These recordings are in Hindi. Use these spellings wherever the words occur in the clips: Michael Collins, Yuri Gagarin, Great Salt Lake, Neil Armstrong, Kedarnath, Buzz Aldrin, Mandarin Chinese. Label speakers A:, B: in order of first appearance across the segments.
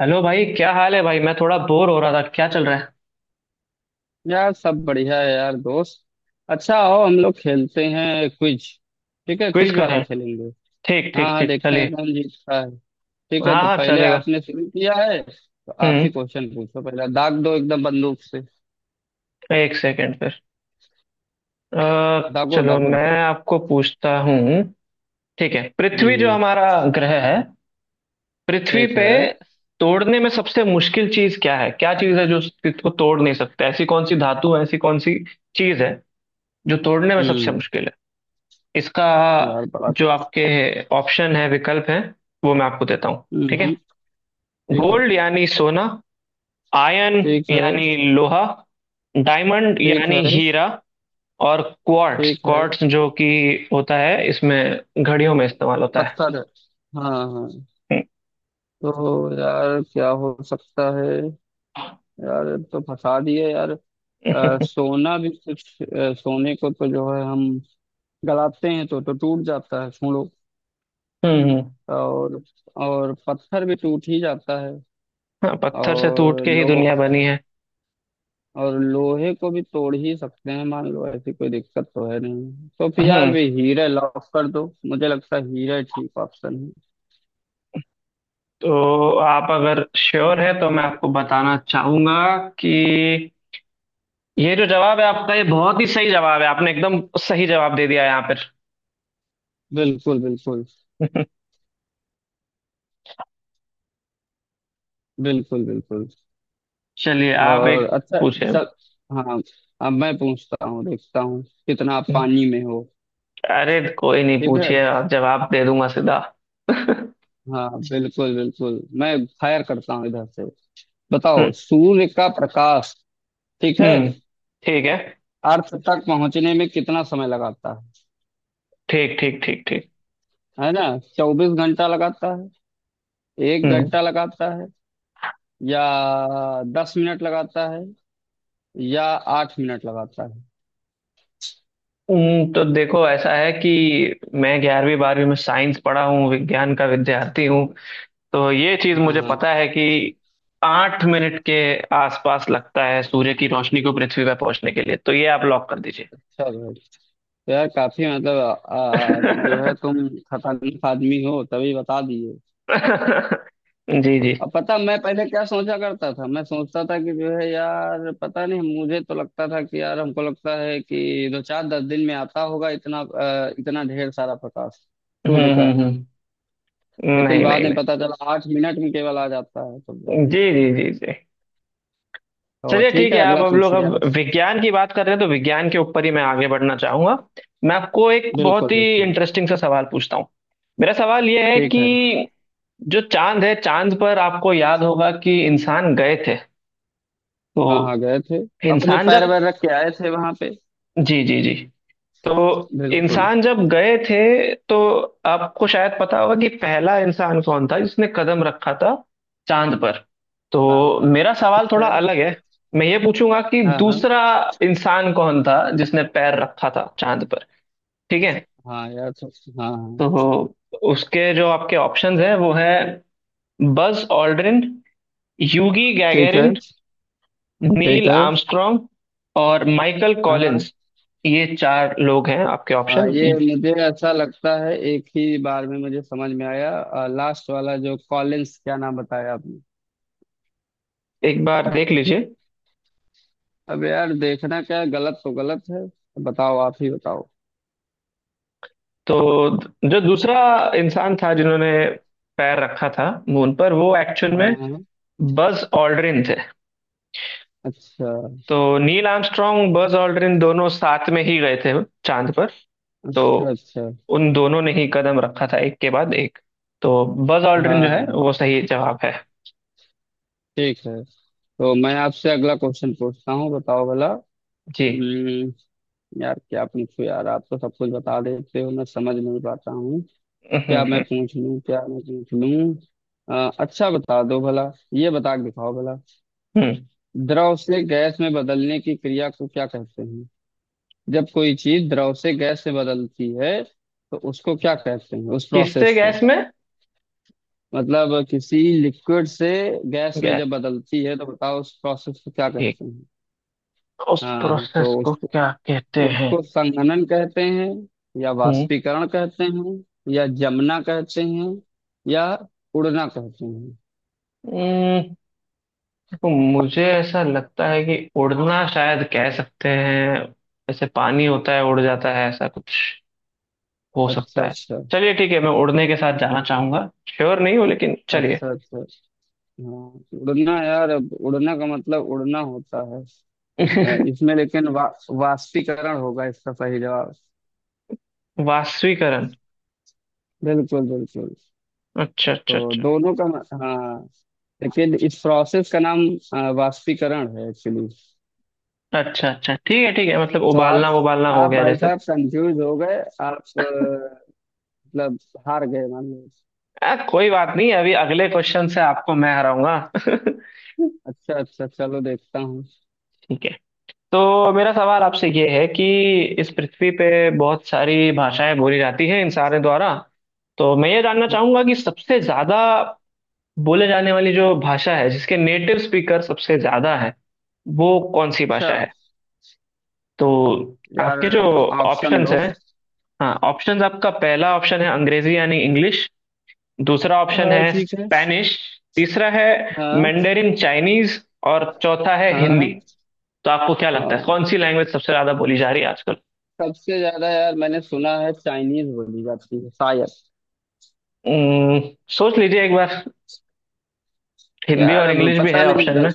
A: हेलो भाई, क्या हाल है भाई। मैं थोड़ा बोर हो रहा था, क्या चल रहा है।
B: यार सब बढ़िया है यार दोस्त। अच्छा आओ हम लोग खेलते हैं क्विज। ठीक है
A: क्विज
B: क्विज वाला
A: करें?
B: खेलेंगे।
A: ठीक
B: हाँ
A: ठीक
B: हाँ
A: ठीक,
B: देखते हैं
A: चलिए।
B: कौन जीतता है। ठीक है
A: हाँ
B: तो
A: हाँ,
B: पहले
A: चलेगा।
B: आपने शुरू किया है तो आप ही
A: हम्म
B: क्वेश्चन पूछो, पहला दाग दो एकदम बंदूक से।
A: एक सेकंड फिर।
B: दागो
A: चलो
B: दागो।
A: मैं आपको पूछता हूँ। ठीक है, पृथ्वी जो
B: हम्म।
A: हमारा ग्रह है, पृथ्वी
B: ठीक
A: पे
B: है।
A: तोड़ने में सबसे मुश्किल चीज क्या है? क्या चीज है जो इसको तोड़ नहीं सकते, ऐसी कौन सी धातु है, ऐसी कौन सी चीज है जो तोड़ने में सबसे
B: हम्म।
A: मुश्किल है? इसका
B: यार बड़ा।
A: जो आपके ऑप्शन है, विकल्प है, वो मैं आपको देता हूँ, ठीक है।
B: हम्म। ठीक है।
A: गोल्ड यानी सोना, आयन
B: ठीक है
A: यानी लोहा, डायमंड
B: ठीक है
A: यानी हीरा, और क्वार्ट्स।
B: ठीक है।
A: क्वार्ट्स जो कि होता है, इसमें घड़ियों में इस्तेमाल होता है।
B: पत्थर है। हाँ हाँ। तो यार क्या हो सकता है।
A: हम्म
B: यार ये तो फंसा दिए यार। सोना भी कुछ, सोने को तो जो है हम गलाते हैं तो टूट जाता है, सुनो।
A: हम्म।
B: और और पत्थर भी टूट ही जाता है।
A: हाँ, पत्थर से टूट
B: और
A: के ही
B: लो
A: दुनिया बनी है।
B: और लोहे को भी तोड़ ही सकते हैं, मान लो ऐसी कोई दिक्कत तो है नहीं, तो फिर यार
A: हम्म
B: भी हीरा लॉक कर दो, मुझे लगता है हीरा ठीक ऑप्शन है।
A: तो आप अगर श्योर है तो मैं आपको बताना चाहूंगा कि ये जो जवाब है आपका, ये बहुत ही सही जवाब है, आपने एकदम सही जवाब दे दिया है यहाँ
B: बिल्कुल बिल्कुल।
A: पर।
B: बिल्कुल बिल्कुल।
A: चलिए, आप
B: और
A: एक
B: अच्छा।
A: पूछे।
B: चल। हाँ। अब मैं पूछता हूँ, देखता हूँ कितना आप पानी में हो।
A: अरे कोई नहीं,
B: ठीक है।
A: पूछिए आप, जवाब दे दूंगा सीधा। हम्म
B: हाँ बिल्कुल बिल्कुल, मैं फायर करता हूँ इधर से। बताओ, सूर्य का प्रकाश। ठीक है।
A: हम्म। ठीक है।
B: अर्थ तक पहुंचने में कितना समय लगाता
A: ठीक ठीक ठीक ठीक।
B: है ना? 24 घंटा लगाता है? एक
A: हम्म
B: घंटा लगाता है? या 10 मिनट लगाता है? या 8 मिनट लगाता है?
A: तो देखो ऐसा है कि मैं 11वीं 12वीं में साइंस पढ़ा हूँ, विज्ञान का विद्यार्थी हूँ। तो ये चीज
B: हाँ
A: मुझे
B: हाँ।
A: पता है कि 8 मिनट के आसपास लगता है सूर्य की रोशनी को पृथ्वी पर पहुंचने के लिए, तो ये आप लॉक कर दीजिए।
B: चलो। तो यार, काफी मतलब, जो है, तुम खतरनाक आदमी हो, तभी बता दिए।
A: जी जी।
B: अब पता मैं पहले क्या सोचा करता था, मैं सोचता था कि जो है, यार पता नहीं, मुझे तो लगता था कि यार, हमको लगता है कि दो चार दस दिन में आता होगा इतना, इतना ढेर सारा प्रकाश सूर्य का।
A: हम्म।
B: लेकिन
A: नहीं
B: बाद
A: नहीं
B: में
A: नहीं।
B: पता चला 8 मिनट में केवल आ जाता है तो।
A: जी जी जी जी।
B: तो
A: चलिए
B: ठीक
A: ठीक है,
B: है,
A: आप,
B: अगला
A: हम लोग
B: पूछिए
A: अब
B: आप।
A: विज्ञान की बात कर रहे हैं तो विज्ञान के ऊपर ही मैं आगे बढ़ना चाहूंगा। मैं आपको एक बहुत
B: बिल्कुल
A: ही
B: बिल्कुल।
A: इंटरेस्टिंग सा सवाल पूछता हूँ। मेरा सवाल यह है
B: ठीक है।
A: कि जो चांद है, चांद पर आपको याद होगा कि इंसान गए थे।
B: हाँ
A: तो
B: हाँ गए थे। अपने
A: इंसान
B: पैर
A: जब,
B: वैर रख के आए थे वहां पे।
A: जी जी जी, तो
B: बिल्कुल।
A: इंसान जब गए थे तो आपको शायद पता होगा कि पहला इंसान कौन था जिसने कदम रखा था चांद पर। तो
B: हाँ हाँ
A: मेरा सवाल
B: ठीक
A: थोड़ा
B: है।
A: अलग है, मैं ये पूछूंगा कि
B: हाँ हाँ।
A: दूसरा इंसान कौन था जिसने पैर रखा था चांद पर, ठीक है।
B: हाँ यार। हाँ हाँ।
A: तो उसके जो आपके ऑप्शंस हैं वो है, बज ऑल्ड्रिन, यूगी
B: ठीक है
A: गैगरिन,
B: ठीक
A: नील
B: है।
A: आर्मस्ट्रॉन्ग और माइकल
B: हाँ हाँ।
A: कॉलिंस। ये चार लोग हैं आपके
B: हाँ
A: ऑप्शन,
B: ये मुझे अच्छा लगता है, एक ही बार में मुझे समझ में आया, लास्ट वाला जो कॉलिंस, क्या नाम बताया आपने?
A: एक बार देख लीजिए।
B: अब यार देखना क्या है, गलत तो गलत है। बताओ, आप ही बताओ।
A: तो जो दूसरा इंसान था जिन्होंने पैर रखा था मून पर, वो एक्चुअल
B: हाँ
A: में
B: हाँ हाँ।
A: बज ऑल्ड्रिन थे।
B: अच्छा
A: तो नील आर्मस्ट्रॉन्ग, बज ऑल्ड्रिन दोनों साथ में ही गए थे चांद पर। तो
B: अच्छा अच्छा।
A: उन दोनों ने ही कदम रखा था एक के बाद एक। तो बज
B: हाँ
A: ऑल्ड्रिन जो
B: हाँ
A: है वो
B: हाँ।
A: सही जवाब है।
B: ठीक है, तो मैं आपसे अगला क्वेश्चन पूछता हूँ, बताओ भला।
A: जी।
B: हम्म। यार क्या पूछूं, यार आप तो सब कुछ बता देते हो, मैं समझ नहीं पाता हूँ।
A: हम्म
B: क्या मैं
A: हम्म
B: पूछ लूँ, क्या मैं पूछ लूँ। अच्छा बता दो भला, ये बता के दिखाओ भला।
A: हम्म।
B: द्रव से गैस में बदलने की क्रिया को क्या कहते हैं? जब कोई चीज द्रव से गैस में बदलती है, तो उसको क्या कहते हैं उस
A: किससे
B: प्रोसेस को?
A: गैस में?
B: मतलब किसी लिक्विड से गैस में
A: गैस।
B: जब बदलती है, तो बताओ उस प्रोसेस को क्या
A: ठीक।
B: कहते हैं?
A: उस
B: हाँ तो
A: प्रोसेस को
B: उसको,
A: क्या कहते हैं?
B: संघनन कहते हैं, या वाष्पीकरण कहते हैं, या जमना कहते हैं, या उड़ना कहते हैं?
A: हम्म तो मुझे ऐसा लगता है कि उड़ना शायद कह सकते हैं। ऐसे पानी होता है, उड़ जाता है, ऐसा कुछ हो
B: अच्छा
A: सकता है।
B: अच्छा
A: चलिए ठीक है, मैं उड़ने के साथ जाना चाहूंगा, श्योर नहीं हूँ लेकिन चलिए।
B: अच्छा अच्छा। हाँ उड़ना, यार अब उड़ना का मतलब उड़ना होता है। इसमें लेकिन, वाष्पीकरण होगा इसका सही जवाब।
A: वाष्पीकरण?
B: बिल्कुल बिल्कुल।
A: अच्छा अच्छा
B: तो
A: अच्छा
B: दोनों का। हाँ। लेकिन इस प्रोसेस का नाम वाष्पीकरण है एक्चुअली।
A: अच्छा। अच्छा ठीक है ठीक है, मतलब
B: तो आप,
A: उबालना, उबालना हो गया
B: भाई
A: जैसे।
B: साहब कंफ्यूज हो गए। आप, मतलब, हार गए मान लो।
A: कोई बात नहीं, अभी अगले क्वेश्चन से आपको मैं हराऊंगा।
B: अच्छा अच्छा, चलो देखता हूँ।
A: ठीक है। तो मेरा सवाल आपसे ये है कि इस पृथ्वी पे बहुत सारी भाषाएं बोली जाती हैं इंसानों द्वारा। तो मैं ये जानना चाहूंगा कि सबसे ज्यादा बोले जाने वाली जो भाषा है, जिसके नेटिव स्पीकर सबसे ज्यादा है, वो कौन सी भाषा
B: अच्छा।
A: है? तो
B: यार
A: आपके जो
B: ऑप्शन
A: ऑप्शंस
B: दो।
A: हैं, हाँ, ऑप्शंस। आपका पहला ऑप्शन है अंग्रेजी यानी इंग्लिश, दूसरा ऑप्शन है
B: ठीक है।
A: स्पेनिश, तीसरा है
B: हाँ
A: मैंडेरिन चाइनीज, और चौथा है हिंदी।
B: हाँ।
A: तो आपको क्या लगता है
B: हाँ
A: कौन सी लैंग्वेज सबसे ज्यादा बोली जा रही है आजकल?
B: सबसे ज्यादा, यार मैंने सुना है चाइनीज बोली जाती है शायद।
A: उम्म, सोच लीजिए एक बार। हिंदी
B: यार
A: और
B: अब
A: इंग्लिश भी
B: पता
A: है
B: नहीं,
A: ऑप्शन में।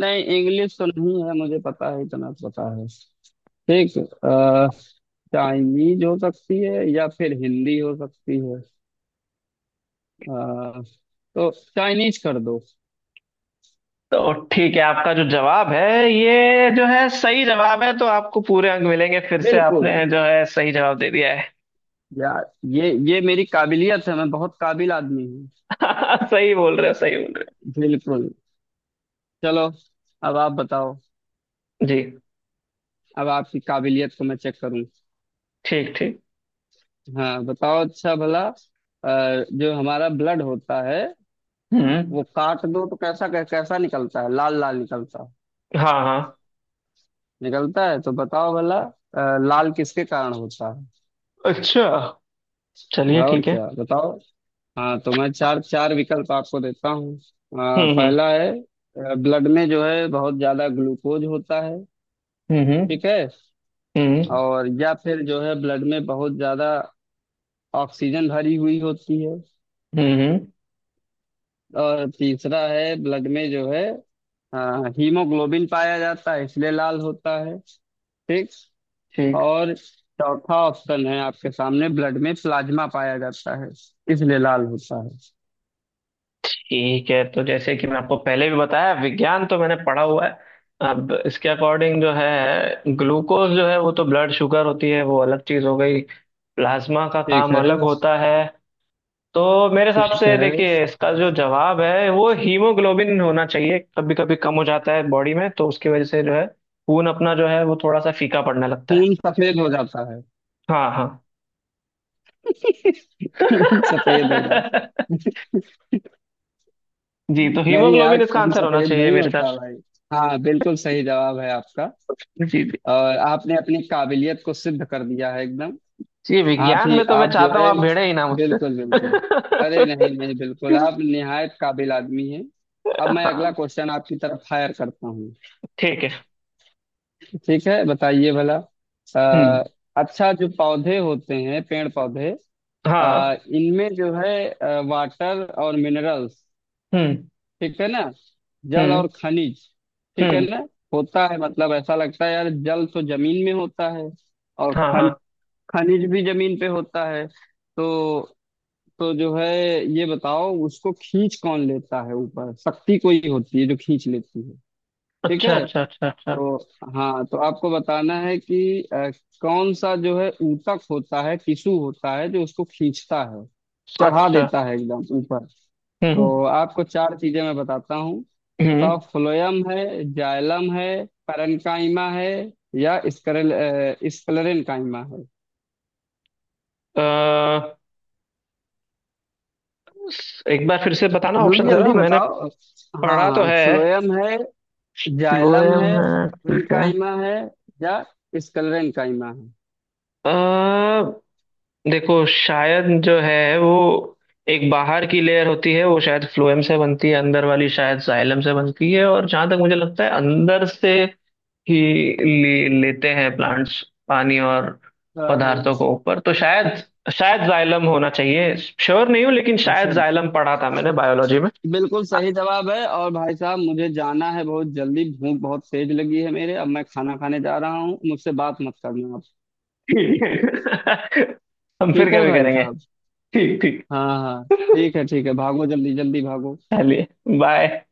B: नहीं, इंग्लिश तो नहीं है, मुझे पता है, इतना तो पता है। ठीक। अ, चाइनीज हो सकती है या फिर हिंदी हो सकती है। अ, तो चाइनीज कर दो।
A: तो ठीक है, आपका जो जवाब है, ये जो है सही जवाब है, तो आपको पूरे अंक मिलेंगे। फिर से
B: बिल्कुल।
A: आपने जो है सही जवाब दे दिया है।
B: यार ये मेरी काबिलियत है, मैं बहुत काबिल आदमी हूँ।
A: सही बोल रहे हो, सही बोल रहे
B: बिल्कुल। चलो। अब आप बताओ।
A: हो। जी।
B: अब आपकी काबिलियत को मैं चेक करूँ।
A: ठीक ठीक।
B: हाँ बताओ, अच्छा भला, जो हमारा ब्लड होता है,
A: हम्म
B: वो काट दो तो कैसा कैसा निकलता है, लाल लाल निकलता है,
A: हाँ हाँ
B: निकलता है, तो बताओ भला लाल किसके कारण होता है।
A: अच्छा चलिए
B: और
A: ठीक है।
B: क्या बताओ। हाँ तो मैं चार चार विकल्प आपको देता हूँ,
A: हम्म
B: पहला है ब्लड में जो है बहुत ज्यादा ग्लूकोज होता है।
A: हम्म हम्म
B: ठीक है।
A: हम्म
B: और या फिर जो है ब्लड में बहुत ज्यादा ऑक्सीजन भरी हुई होती है।
A: हम्म।
B: और तीसरा है ब्लड में जो है अ, हीमोग्लोबिन पाया जाता है इसलिए लाल होता है। ठीक।
A: ठीक।
B: और चौथा ऑप्शन है आपके सामने, ब्लड में प्लाज्मा पाया जाता है इसलिए लाल होता है।
A: ठीक है, तो जैसे कि मैं आपको पहले भी बताया, विज्ञान तो मैंने पढ़ा हुआ है। अब इसके अकॉर्डिंग, जो है ग्लूकोज जो है, वो तो ब्लड शुगर होती है, वो अलग चीज हो गई। प्लाज्मा का
B: ठीक
A: काम
B: है
A: अलग होता है। तो मेरे हिसाब
B: ठीक
A: से
B: है।
A: देखिए, इसका जो जवाब है वो हीमोग्लोबिन होना चाहिए। कभी कभी कम हो जाता है बॉडी में, तो उसकी वजह से जो है, खून अपना जो है, वो थोड़ा सा फीका पड़ने लगता है।
B: खून सफेद हो जाता है।
A: हाँ हाँ।
B: खून सफेद हो जाता है।
A: जी। तो
B: नहीं यार,
A: हीमोग्लोबिन इसका
B: खून
A: आंसर होना
B: सफेद
A: चाहिए
B: नहीं
A: मेरे हिसाब
B: होता
A: से।
B: भाई। हाँ, बिल्कुल सही जवाब है आपका।
A: जी।
B: और आपने अपनी काबिलियत को सिद्ध कर दिया है एकदम।
A: जी,
B: आप
A: विज्ञान
B: ही
A: में तो मैं
B: आप, जो
A: चाहता हूँ
B: है।
A: आप भिड़े ही ना मुझसे।
B: बिल्कुल बिल्कुल। अरे नहीं नहीं, बिल्कुल आप निहायत काबिल आदमी हैं। अब मैं अगला
A: हाँ
B: क्वेश्चन आपकी तरफ फायर करता हूँ।
A: ठीक है।
B: ठीक है, बताइए भला। आ,
A: हम्म
B: अच्छा, जो पौधे होते हैं, पेड़ पौधे,
A: हाँ
B: इनमें जो है वाटर और मिनरल्स,
A: हम्म
B: ठीक है ना, जल
A: हम्म
B: और खनिज, ठीक है
A: हम्म
B: ना, होता है। मतलब ऐसा लगता है यार, जल तो जमीन में होता है, और
A: हाँ हाँ
B: खन खनिज भी जमीन पे होता है, तो जो है, ये बताओ, उसको खींच कौन लेता है ऊपर, शक्ति कोई होती है जो खींच लेती है। ठीक
A: अच्छा
B: है।
A: अच्छा अच्छा अच्छा
B: तो हाँ, तो आपको बताना है कि कौन सा जो है ऊतक होता है, टिश्यू होता है, जो उसको खींचता है, चढ़ा
A: अच्छा।
B: देता है एकदम ऊपर।
A: हम्म
B: तो आपको चार चीजें मैं बताता हूँ।
A: हम्म।
B: बताओ, फ्लोयम है, जाइलम है, पैरेन्काइमा है, या स्क्लेरेन्काइमा है?
A: अ, एक बार फिर से बताना
B: जल्दी
A: ऑप्शन,
B: जल्दी
A: जरा मैंने
B: बताओ। हाँ
A: पढ़ा तो
B: हाँ,
A: है।
B: फ्लोयम है, जाइलम
A: लोहे
B: है,
A: में, ठीक है।
B: पैरेन्काइमा है, या स्क्लेरेन्काइमा है।
A: अ, देखो शायद जो है वो एक बाहर की लेयर होती है, वो शायद फ्लोएम से बनती है, अंदर वाली शायद जाइलम से बनती है, और जहां तक मुझे लगता है अंदर से ही लेते हैं प्लांट्स पानी और
B: अ,
A: पदार्थों को ऊपर। तो शायद, शायद जाइलम होना चाहिए, श्योर नहीं हूँ लेकिन शायद
B: अच्छा,
A: जाइलम पढ़ा था मैंने बायोलॉजी में।
B: बिल्कुल सही जवाब है। और भाई साहब, मुझे जाना है बहुत जल्दी, भूख बहुत तेज लगी है मेरे, अब मैं खाना खाने जा रहा हूँ, मुझसे बात मत करना आप।
A: ठीक है। हम फिर
B: ठीक है
A: कभी
B: भाई
A: करेंगे।
B: साहब।
A: ठीक ठीक,
B: हाँ हाँ। ठीक है ठीक है, भागो जल्दी जल्दी, भागो।
A: चलिए, बाय।